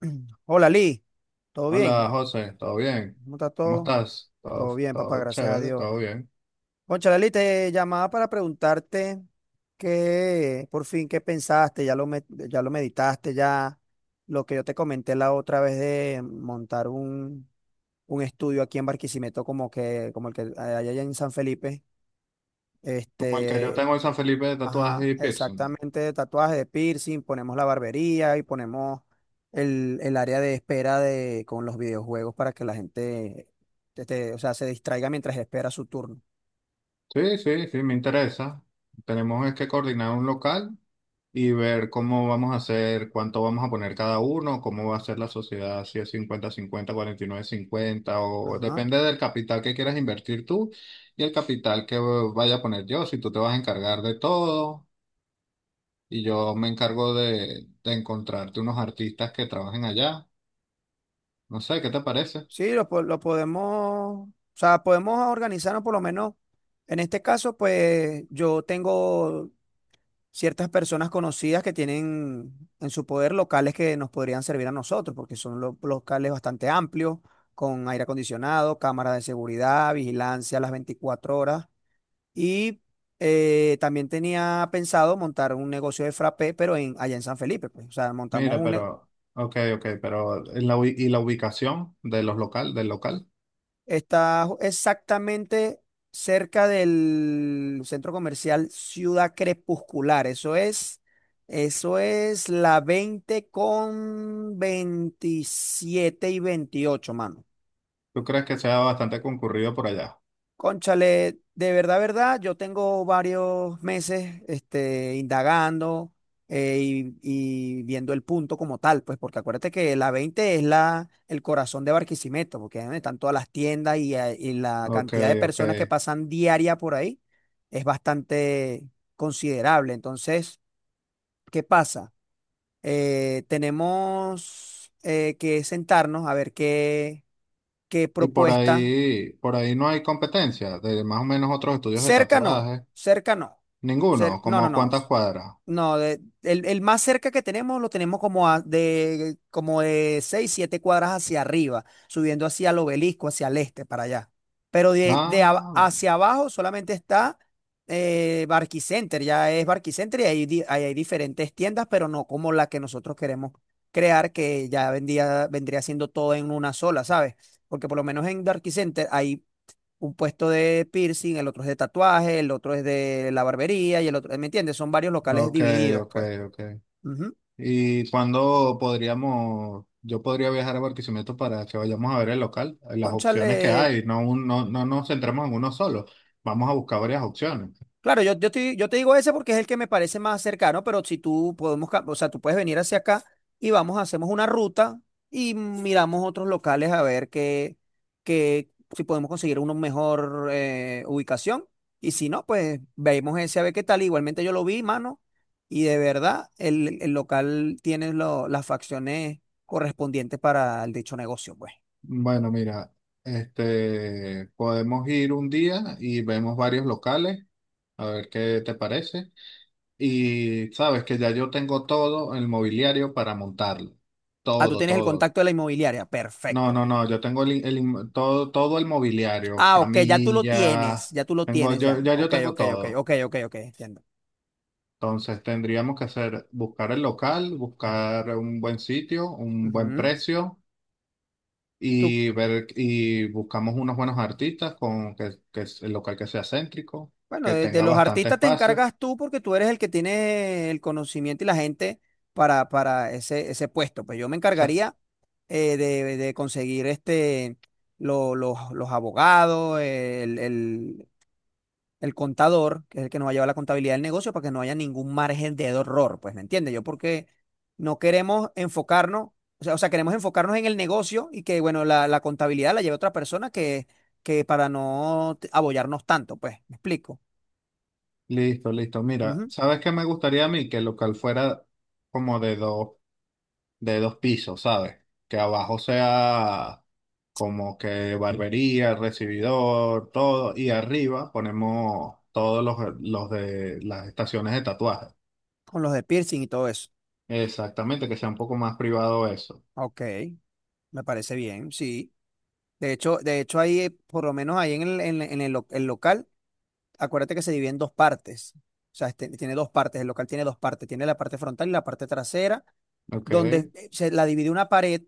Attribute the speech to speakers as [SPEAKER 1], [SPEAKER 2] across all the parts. [SPEAKER 1] Hola, Lee. ¿Todo
[SPEAKER 2] Hola
[SPEAKER 1] bien?
[SPEAKER 2] José, ¿todo bien?
[SPEAKER 1] ¿Cómo está
[SPEAKER 2] ¿Cómo
[SPEAKER 1] todo?
[SPEAKER 2] estás? Todo,
[SPEAKER 1] Todo bien, papá,
[SPEAKER 2] todo
[SPEAKER 1] gracias a
[SPEAKER 2] chévere,
[SPEAKER 1] Dios.
[SPEAKER 2] todo bien.
[SPEAKER 1] Cónchale, Lee, te llamaba para preguntarte qué, por fin, qué pensaste, ya lo meditaste, ya lo que yo te comenté la otra vez de montar un estudio aquí en Barquisimeto, como que, como el que hay allá en San Felipe.
[SPEAKER 2] Como el que yo
[SPEAKER 1] Este,
[SPEAKER 2] tengo en San Felipe de tatuajes
[SPEAKER 1] Ajá,
[SPEAKER 2] y piercing.
[SPEAKER 1] exactamente, de tatuaje, de piercing, ponemos la barbería y ponemos el área de espera con los videojuegos para que la gente o sea, se distraiga mientras espera su turno.
[SPEAKER 2] Sí, sí, sí, me interesa. Tenemos es que coordinar un local y ver cómo vamos a hacer, cuánto vamos a poner cada uno, cómo va a ser la sociedad, si es 50-50, 49-50 o
[SPEAKER 1] Ajá.
[SPEAKER 2] depende del capital que quieras invertir tú y el capital que vaya a poner yo, si tú te vas a encargar de todo y yo me encargo de encontrarte unos artistas que trabajen allá. No sé, ¿qué te parece?
[SPEAKER 1] Sí, lo podemos, o sea, podemos organizarnos por lo menos. En este caso, pues yo tengo ciertas personas conocidas que tienen en su poder locales que nos podrían servir a nosotros, porque son locales bastante amplios, con aire acondicionado, cámaras de seguridad, vigilancia a las 24 horas. Y también tenía pensado montar un negocio de frappé, pero allá en San Felipe, pues. O sea, montamos
[SPEAKER 2] Mira,
[SPEAKER 1] un, ne-.
[SPEAKER 2] pero, ok, ok, pero ¿y y la ubicación de del local?
[SPEAKER 1] Exactamente cerca del centro comercial Ciudad Crepuscular. Eso es la 20 con 27 y 28, mano.
[SPEAKER 2] ¿Tú crees que sea bastante concurrido por allá?
[SPEAKER 1] Cónchale, de verdad, verdad, yo tengo varios meses indagando, y viendo el punto como tal, pues porque acuérdate que la 20 es el corazón de Barquisimeto, porque ahí donde están todas las tiendas y la
[SPEAKER 2] Ok,
[SPEAKER 1] cantidad de
[SPEAKER 2] ok.
[SPEAKER 1] personas que pasan diaria por ahí es bastante considerable. Entonces, ¿qué pasa? Tenemos que sentarnos a ver qué,
[SPEAKER 2] Y
[SPEAKER 1] propuesta.
[SPEAKER 2] por ahí no hay competencia de más o menos otros estudios de
[SPEAKER 1] Cerca no,
[SPEAKER 2] tatuaje.
[SPEAKER 1] cerca no.
[SPEAKER 2] Ninguno,
[SPEAKER 1] No, no,
[SPEAKER 2] como
[SPEAKER 1] no.
[SPEAKER 2] cuántas cuadras.
[SPEAKER 1] No, el más cerca que tenemos lo tenemos como de 6 7 cuadras hacia arriba, subiendo hacia el obelisco, hacia el este, para allá. Pero
[SPEAKER 2] Ah, bueno.
[SPEAKER 1] hacia abajo solamente está Barquicenter, ya es Barquicenter y ahí hay diferentes tiendas, pero no como la que nosotros queremos crear, que vendría siendo todo en una sola, ¿sabes? Porque por lo menos en Barquicenter hay un puesto de piercing, el otro es de tatuaje, el otro es de la barbería y el otro, ¿me entiendes? Son varios locales
[SPEAKER 2] Ok,
[SPEAKER 1] divididos,
[SPEAKER 2] ok,
[SPEAKER 1] pues.
[SPEAKER 2] ok.
[SPEAKER 1] Ujú.
[SPEAKER 2] ¿Y cuándo podríamos, yo podría viajar a Barquisimeto para que vayamos a ver el local, las opciones que
[SPEAKER 1] Cónchale,
[SPEAKER 2] hay, no, no, no nos centramos en uno solo. Vamos a buscar varias opciones.
[SPEAKER 1] claro, yo te digo ese porque es el que me parece más cercano, pero si tú podemos, o sea, tú puedes venir hacia acá y vamos, hacemos una ruta y miramos otros locales a ver qué, si podemos conseguir una mejor ubicación. Y si no, pues veamos ese a ver qué tal. Igualmente yo lo vi, mano, y de verdad el local tiene las facciones correspondientes para el dicho negocio, pues.
[SPEAKER 2] Bueno, mira, este, podemos ir un día y vemos varios locales, a ver qué te parece. Y sabes que ya yo tengo todo el mobiliario para montarlo.
[SPEAKER 1] Ah, tú
[SPEAKER 2] Todo,
[SPEAKER 1] tienes el
[SPEAKER 2] todo.
[SPEAKER 1] contacto de la inmobiliaria.
[SPEAKER 2] No, no,
[SPEAKER 1] Perfecto.
[SPEAKER 2] no, yo tengo todo el mobiliario,
[SPEAKER 1] Ah, ok, ya tú lo
[SPEAKER 2] camillas,
[SPEAKER 1] tienes, ya tú lo tienes ya.
[SPEAKER 2] ya yo
[SPEAKER 1] Ok,
[SPEAKER 2] tengo
[SPEAKER 1] ok, ok,
[SPEAKER 2] todo.
[SPEAKER 1] ok, ok, ok, entiendo.
[SPEAKER 2] Entonces tendríamos que hacer, buscar el local, buscar un buen sitio, un buen
[SPEAKER 1] Ujú.
[SPEAKER 2] precio.
[SPEAKER 1] Tú,
[SPEAKER 2] Y ver y buscamos unos buenos artistas con que es el local que sea céntrico,
[SPEAKER 1] bueno,
[SPEAKER 2] que
[SPEAKER 1] de
[SPEAKER 2] tenga
[SPEAKER 1] los
[SPEAKER 2] bastante
[SPEAKER 1] artistas te
[SPEAKER 2] espacio.
[SPEAKER 1] encargas tú porque tú eres el que tiene el conocimiento y la gente para ese puesto. Pues yo me
[SPEAKER 2] Sa-
[SPEAKER 1] encargaría de conseguir los abogados, el contador, que es el que nos va a llevar la contabilidad del negocio, para que no haya ningún margen de error, pues, ¿me entiendes? Yo porque no queremos enfocarnos, o sea, queremos enfocarnos en el negocio y que, bueno, la contabilidad la lleve otra persona, que para no abollarnos tanto, pues, ¿me explico?
[SPEAKER 2] Listo, listo. Mira,
[SPEAKER 1] Ujú.
[SPEAKER 2] ¿sabes qué me gustaría a mí? Que el local fuera como de dos pisos, ¿sabes? Que abajo sea como que barbería, recibidor, todo, y arriba ponemos todos los de las estaciones de tatuaje.
[SPEAKER 1] Con los de piercing y todo eso.
[SPEAKER 2] Exactamente, que sea un poco más privado eso.
[SPEAKER 1] Ok, me parece bien, sí. De hecho ahí, por lo menos ahí en el el local, acuérdate que se divide en dos partes. O sea, tiene dos partes, el local tiene dos partes, tiene la parte frontal y la parte trasera
[SPEAKER 2] Ok.
[SPEAKER 1] donde se la divide una pared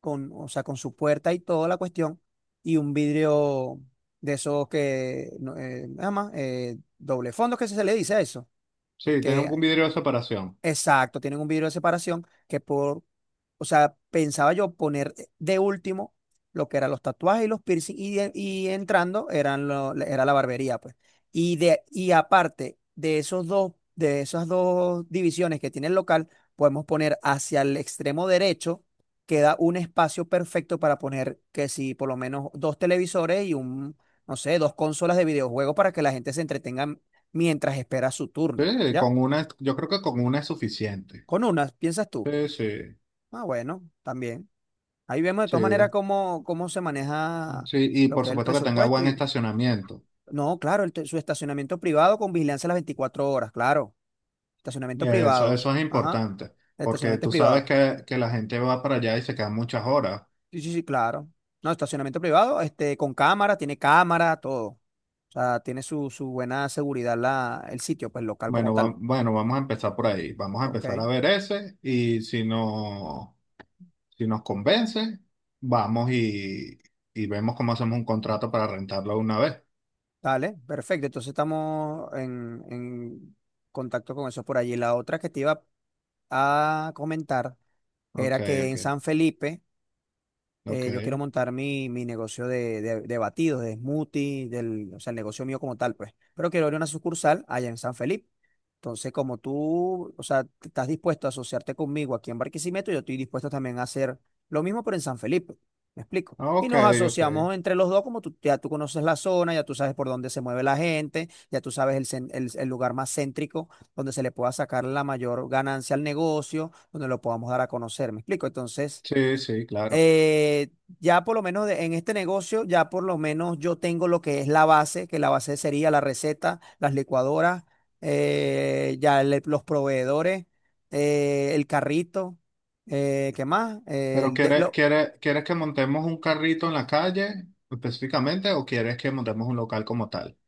[SPEAKER 1] con, o sea, con su puerta y toda la cuestión, y un vidrio de esos que, no, nada más, doble fondo, que se le dice a eso,
[SPEAKER 2] Sí, tiene un
[SPEAKER 1] que.
[SPEAKER 2] un vidrio de separación.
[SPEAKER 1] Exacto, tienen un vidrio de separación o sea, pensaba yo poner de último lo que eran los tatuajes y los piercing y entrando eran era la barbería, pues. Y aparte de esos dos, de esas dos divisiones que tiene el local, podemos poner hacia el extremo derecho, queda un espacio perfecto para poner que si por lo menos dos televisores y un, no sé, dos consolas de videojuegos para que la gente se entretenga mientras espera su turno,
[SPEAKER 2] Sí,
[SPEAKER 1] ¿ya?
[SPEAKER 2] con una, yo creo que con una es suficiente.
[SPEAKER 1] Con unas, ¿piensas tú?
[SPEAKER 2] Sí, sí,
[SPEAKER 1] Ah, bueno, también. Ahí vemos de
[SPEAKER 2] sí,
[SPEAKER 1] todas maneras cómo se maneja
[SPEAKER 2] sí. Y
[SPEAKER 1] lo
[SPEAKER 2] por
[SPEAKER 1] que es el
[SPEAKER 2] supuesto que tenga
[SPEAKER 1] presupuesto.
[SPEAKER 2] buen
[SPEAKER 1] Y,
[SPEAKER 2] estacionamiento.
[SPEAKER 1] no, claro, su estacionamiento privado con vigilancia las 24 horas, claro. Estacionamiento
[SPEAKER 2] Eso,
[SPEAKER 1] privado.
[SPEAKER 2] eso es
[SPEAKER 1] Ajá.
[SPEAKER 2] importante,
[SPEAKER 1] El
[SPEAKER 2] porque
[SPEAKER 1] estacionamiento es
[SPEAKER 2] tú sabes
[SPEAKER 1] privado.
[SPEAKER 2] que la gente va para allá y se quedan muchas horas.
[SPEAKER 1] Sí, sí, sí, claro. No, estacionamiento privado, con cámara, tiene cámara, todo. O sea, tiene su buena seguridad el sitio, pues local como
[SPEAKER 2] Bueno,
[SPEAKER 1] tal.
[SPEAKER 2] vamos a empezar por ahí. Vamos a
[SPEAKER 1] Ok,
[SPEAKER 2] empezar a ver ese y si no, si nos convence, vamos y vemos cómo hacemos un contrato para rentarlo una vez.
[SPEAKER 1] dale, perfecto. Entonces estamos en contacto con eso por allí. La otra que te iba a comentar
[SPEAKER 2] Ok,
[SPEAKER 1] era que en
[SPEAKER 2] ok,
[SPEAKER 1] San Felipe
[SPEAKER 2] ok,
[SPEAKER 1] yo quiero montar mi negocio de batidos, de smoothies, o sea, el negocio mío como tal, pues. Pero quiero abrir una sucursal allá en San Felipe. Entonces, como tú, o sea, estás dispuesto a asociarte conmigo aquí en Barquisimeto, yo estoy dispuesto también a hacer lo mismo, pero en San Felipe. ¿Me explico? Y
[SPEAKER 2] ok,
[SPEAKER 1] nos
[SPEAKER 2] ok.
[SPEAKER 1] asociamos entre los dos, como tú, ya tú conoces la zona, ya tú sabes por dónde se mueve la gente, ya tú sabes el, cen- el lugar más céntrico donde se le pueda sacar la mayor ganancia al negocio, donde lo podamos dar a conocer. ¿Me explico? Entonces
[SPEAKER 2] Sí, sí, claro.
[SPEAKER 1] eh, ya por lo menos en este negocio, ya por lo menos yo tengo lo que es la base, que la base sería la receta, las licuadoras, los proveedores, el carrito, ¿qué más?
[SPEAKER 2] Pero ¿quieres, quieres, quieres que montemos un carrito en la calle específicamente o quieres que montemos un local como tal?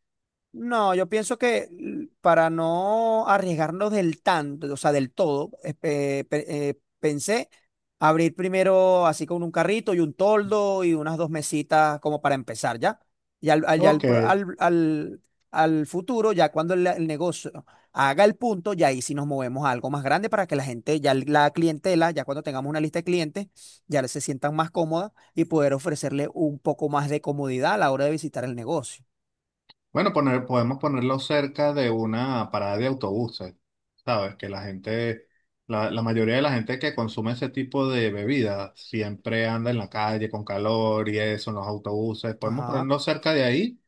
[SPEAKER 1] No, yo pienso que para no arriesgarnos del tanto, o sea, del todo, pensé abrir primero así con un carrito y un toldo y unas dos mesitas como para empezar, ¿ya? Y al, al, ya al,
[SPEAKER 2] Ok.
[SPEAKER 1] pro- al, al- al- futuro, ya cuando el negocio haga el punto, ya ahí sí nos movemos a algo más grande para que la gente, ya la clientela, ya cuando tengamos una lista de clientes, ya se sientan más cómodas y poder ofrecerle un poco más de comodidad a la hora de visitar el negocio.
[SPEAKER 2] Bueno, podemos ponerlo cerca de una parada de autobuses. Sabes que la mayoría de la gente que consume ese tipo de bebidas siempre anda en la calle con calor y eso, en los autobuses. Podemos
[SPEAKER 1] Ajá.
[SPEAKER 2] ponerlo cerca de ahí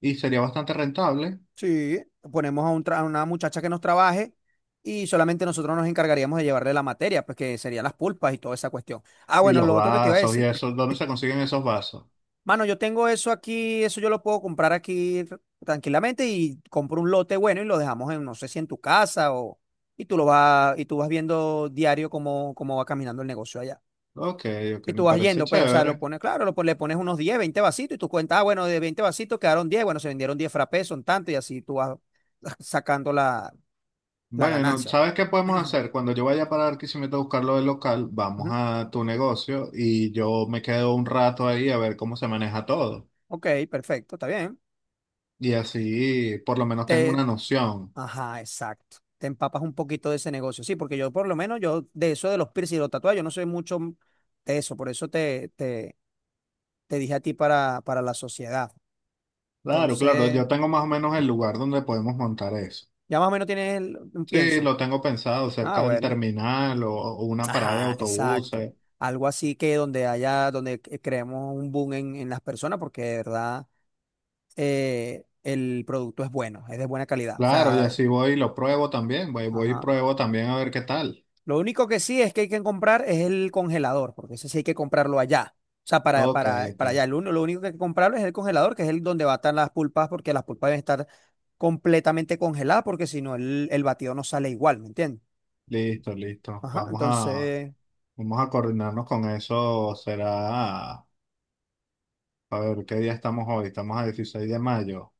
[SPEAKER 2] y sería bastante rentable.
[SPEAKER 1] Sí, ponemos a una muchacha que nos trabaje y solamente nosotros nos encargaríamos de llevarle la materia, pues que serían las pulpas y toda esa cuestión. Ah,
[SPEAKER 2] Y
[SPEAKER 1] bueno,
[SPEAKER 2] los
[SPEAKER 1] lo otro que te iba a
[SPEAKER 2] vasos y
[SPEAKER 1] decir,
[SPEAKER 2] eso, ¿dónde se consiguen esos vasos?
[SPEAKER 1] mano, yo tengo eso aquí, eso yo lo puedo comprar aquí tranquilamente y compro un lote bueno y lo dejamos no sé si en tu casa o y tú lo vas y tú vas viendo diario cómo va caminando el negocio allá.
[SPEAKER 2] Ok, ok,
[SPEAKER 1] Y
[SPEAKER 2] me
[SPEAKER 1] tú vas
[SPEAKER 2] parece
[SPEAKER 1] yendo, pues, o sea, lo
[SPEAKER 2] chévere.
[SPEAKER 1] pones, claro, le pones unos 10, 20 vasitos y tú cuentas, ah, bueno, de 20 vasitos quedaron 10, bueno, se vendieron 10 frappés, son tanto y así tú vas sacando la
[SPEAKER 2] Bueno,
[SPEAKER 1] ganancia.
[SPEAKER 2] ¿sabes qué podemos hacer? Cuando yo vaya para Barquisimeto a buscar lo del local, vamos
[SPEAKER 1] Ujú.
[SPEAKER 2] a tu negocio y yo me quedo un rato ahí a ver cómo se maneja todo.
[SPEAKER 1] Ok, perfecto, está bien.
[SPEAKER 2] Y así por lo menos tengo
[SPEAKER 1] Te,
[SPEAKER 2] una noción.
[SPEAKER 1] ajá, exacto. Te empapas un poquito de ese negocio. Sí, porque yo por lo menos, yo de eso de los piercing, y los tatuajes, yo no soy mucho de eso. Por eso te dije a ti para la sociedad.
[SPEAKER 2] Claro, claro,
[SPEAKER 1] Entonces,
[SPEAKER 2] yo tengo más o menos el lugar donde podemos montar eso.
[SPEAKER 1] ya más o menos tienes un
[SPEAKER 2] Sí,
[SPEAKER 1] pienso.
[SPEAKER 2] lo tengo pensado,
[SPEAKER 1] Ah,
[SPEAKER 2] cerca del
[SPEAKER 1] bueno.
[SPEAKER 2] terminal o una parada de
[SPEAKER 1] Ajá, exacto.
[SPEAKER 2] autobuses.
[SPEAKER 1] Algo así que donde haya, donde creemos un boom en las personas, porque de verdad el producto es bueno, es de buena calidad. O
[SPEAKER 2] Claro, y
[SPEAKER 1] sea,
[SPEAKER 2] así voy y lo pruebo también, voy y
[SPEAKER 1] ajá.
[SPEAKER 2] pruebo también a ver qué tal.
[SPEAKER 1] Lo único que sí es que hay que comprar es el congelador, porque ese sí hay que comprarlo allá. O sea, para,
[SPEAKER 2] Ok,
[SPEAKER 1] para, para
[SPEAKER 2] ok.
[SPEAKER 1] allá. Lo único que hay que comprarlo es el congelador, que es el donde batan las pulpas, porque las pulpas deben estar completamente congeladas, porque si no, el batido no sale igual, ¿me entiendes?
[SPEAKER 2] Listo, listo.
[SPEAKER 1] Ajá,
[SPEAKER 2] Vamos a,
[SPEAKER 1] entonces,
[SPEAKER 2] vamos a coordinarnos con eso. Será, a ver, ¿qué día estamos hoy? Estamos a 16 de mayo.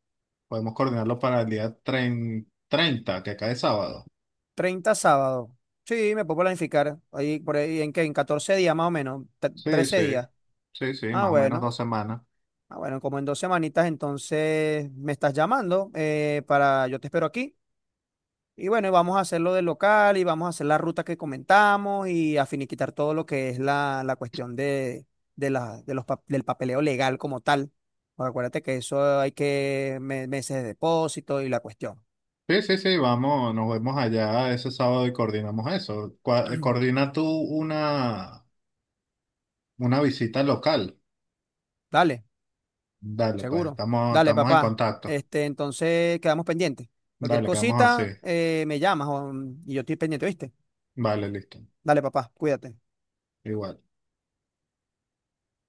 [SPEAKER 2] Podemos coordinarlo para el día 30, que cae sábado.
[SPEAKER 1] 30 sábado. Sí, me puedo planificar. Ahí, por ahí, ¿en qué? En 14 días más o menos,
[SPEAKER 2] Sí,
[SPEAKER 1] 13
[SPEAKER 2] sí,
[SPEAKER 1] días.
[SPEAKER 2] sí, sí,
[SPEAKER 1] Ah,
[SPEAKER 2] más o menos
[SPEAKER 1] bueno.
[SPEAKER 2] 2 semanas.
[SPEAKER 1] Ah, bueno, como en dos semanitas, entonces me estás llamando para, yo te espero aquí. Y bueno, y vamos a hacerlo del local y vamos a hacer la ruta que comentamos y a finiquitar todo lo que es la cuestión de la, de los, pa- del papeleo legal como tal. Porque acuérdate que eso hay que meses de depósito y la cuestión.
[SPEAKER 2] Sí, sí, sí, vamos, nos vemos allá ese sábado y coordinamos eso. Coordina tú una visita local.
[SPEAKER 1] Dale,
[SPEAKER 2] Dale, pues,
[SPEAKER 1] seguro.
[SPEAKER 2] estamos,
[SPEAKER 1] Dale,
[SPEAKER 2] estamos en
[SPEAKER 1] papá.
[SPEAKER 2] contacto.
[SPEAKER 1] Entonces quedamos pendientes. Cualquier
[SPEAKER 2] Dale, quedamos así.
[SPEAKER 1] cosita, me llamas y yo estoy pendiente, ¿viste?
[SPEAKER 2] Vale, listo.
[SPEAKER 1] Dale, papá, cuídate.
[SPEAKER 2] Igual.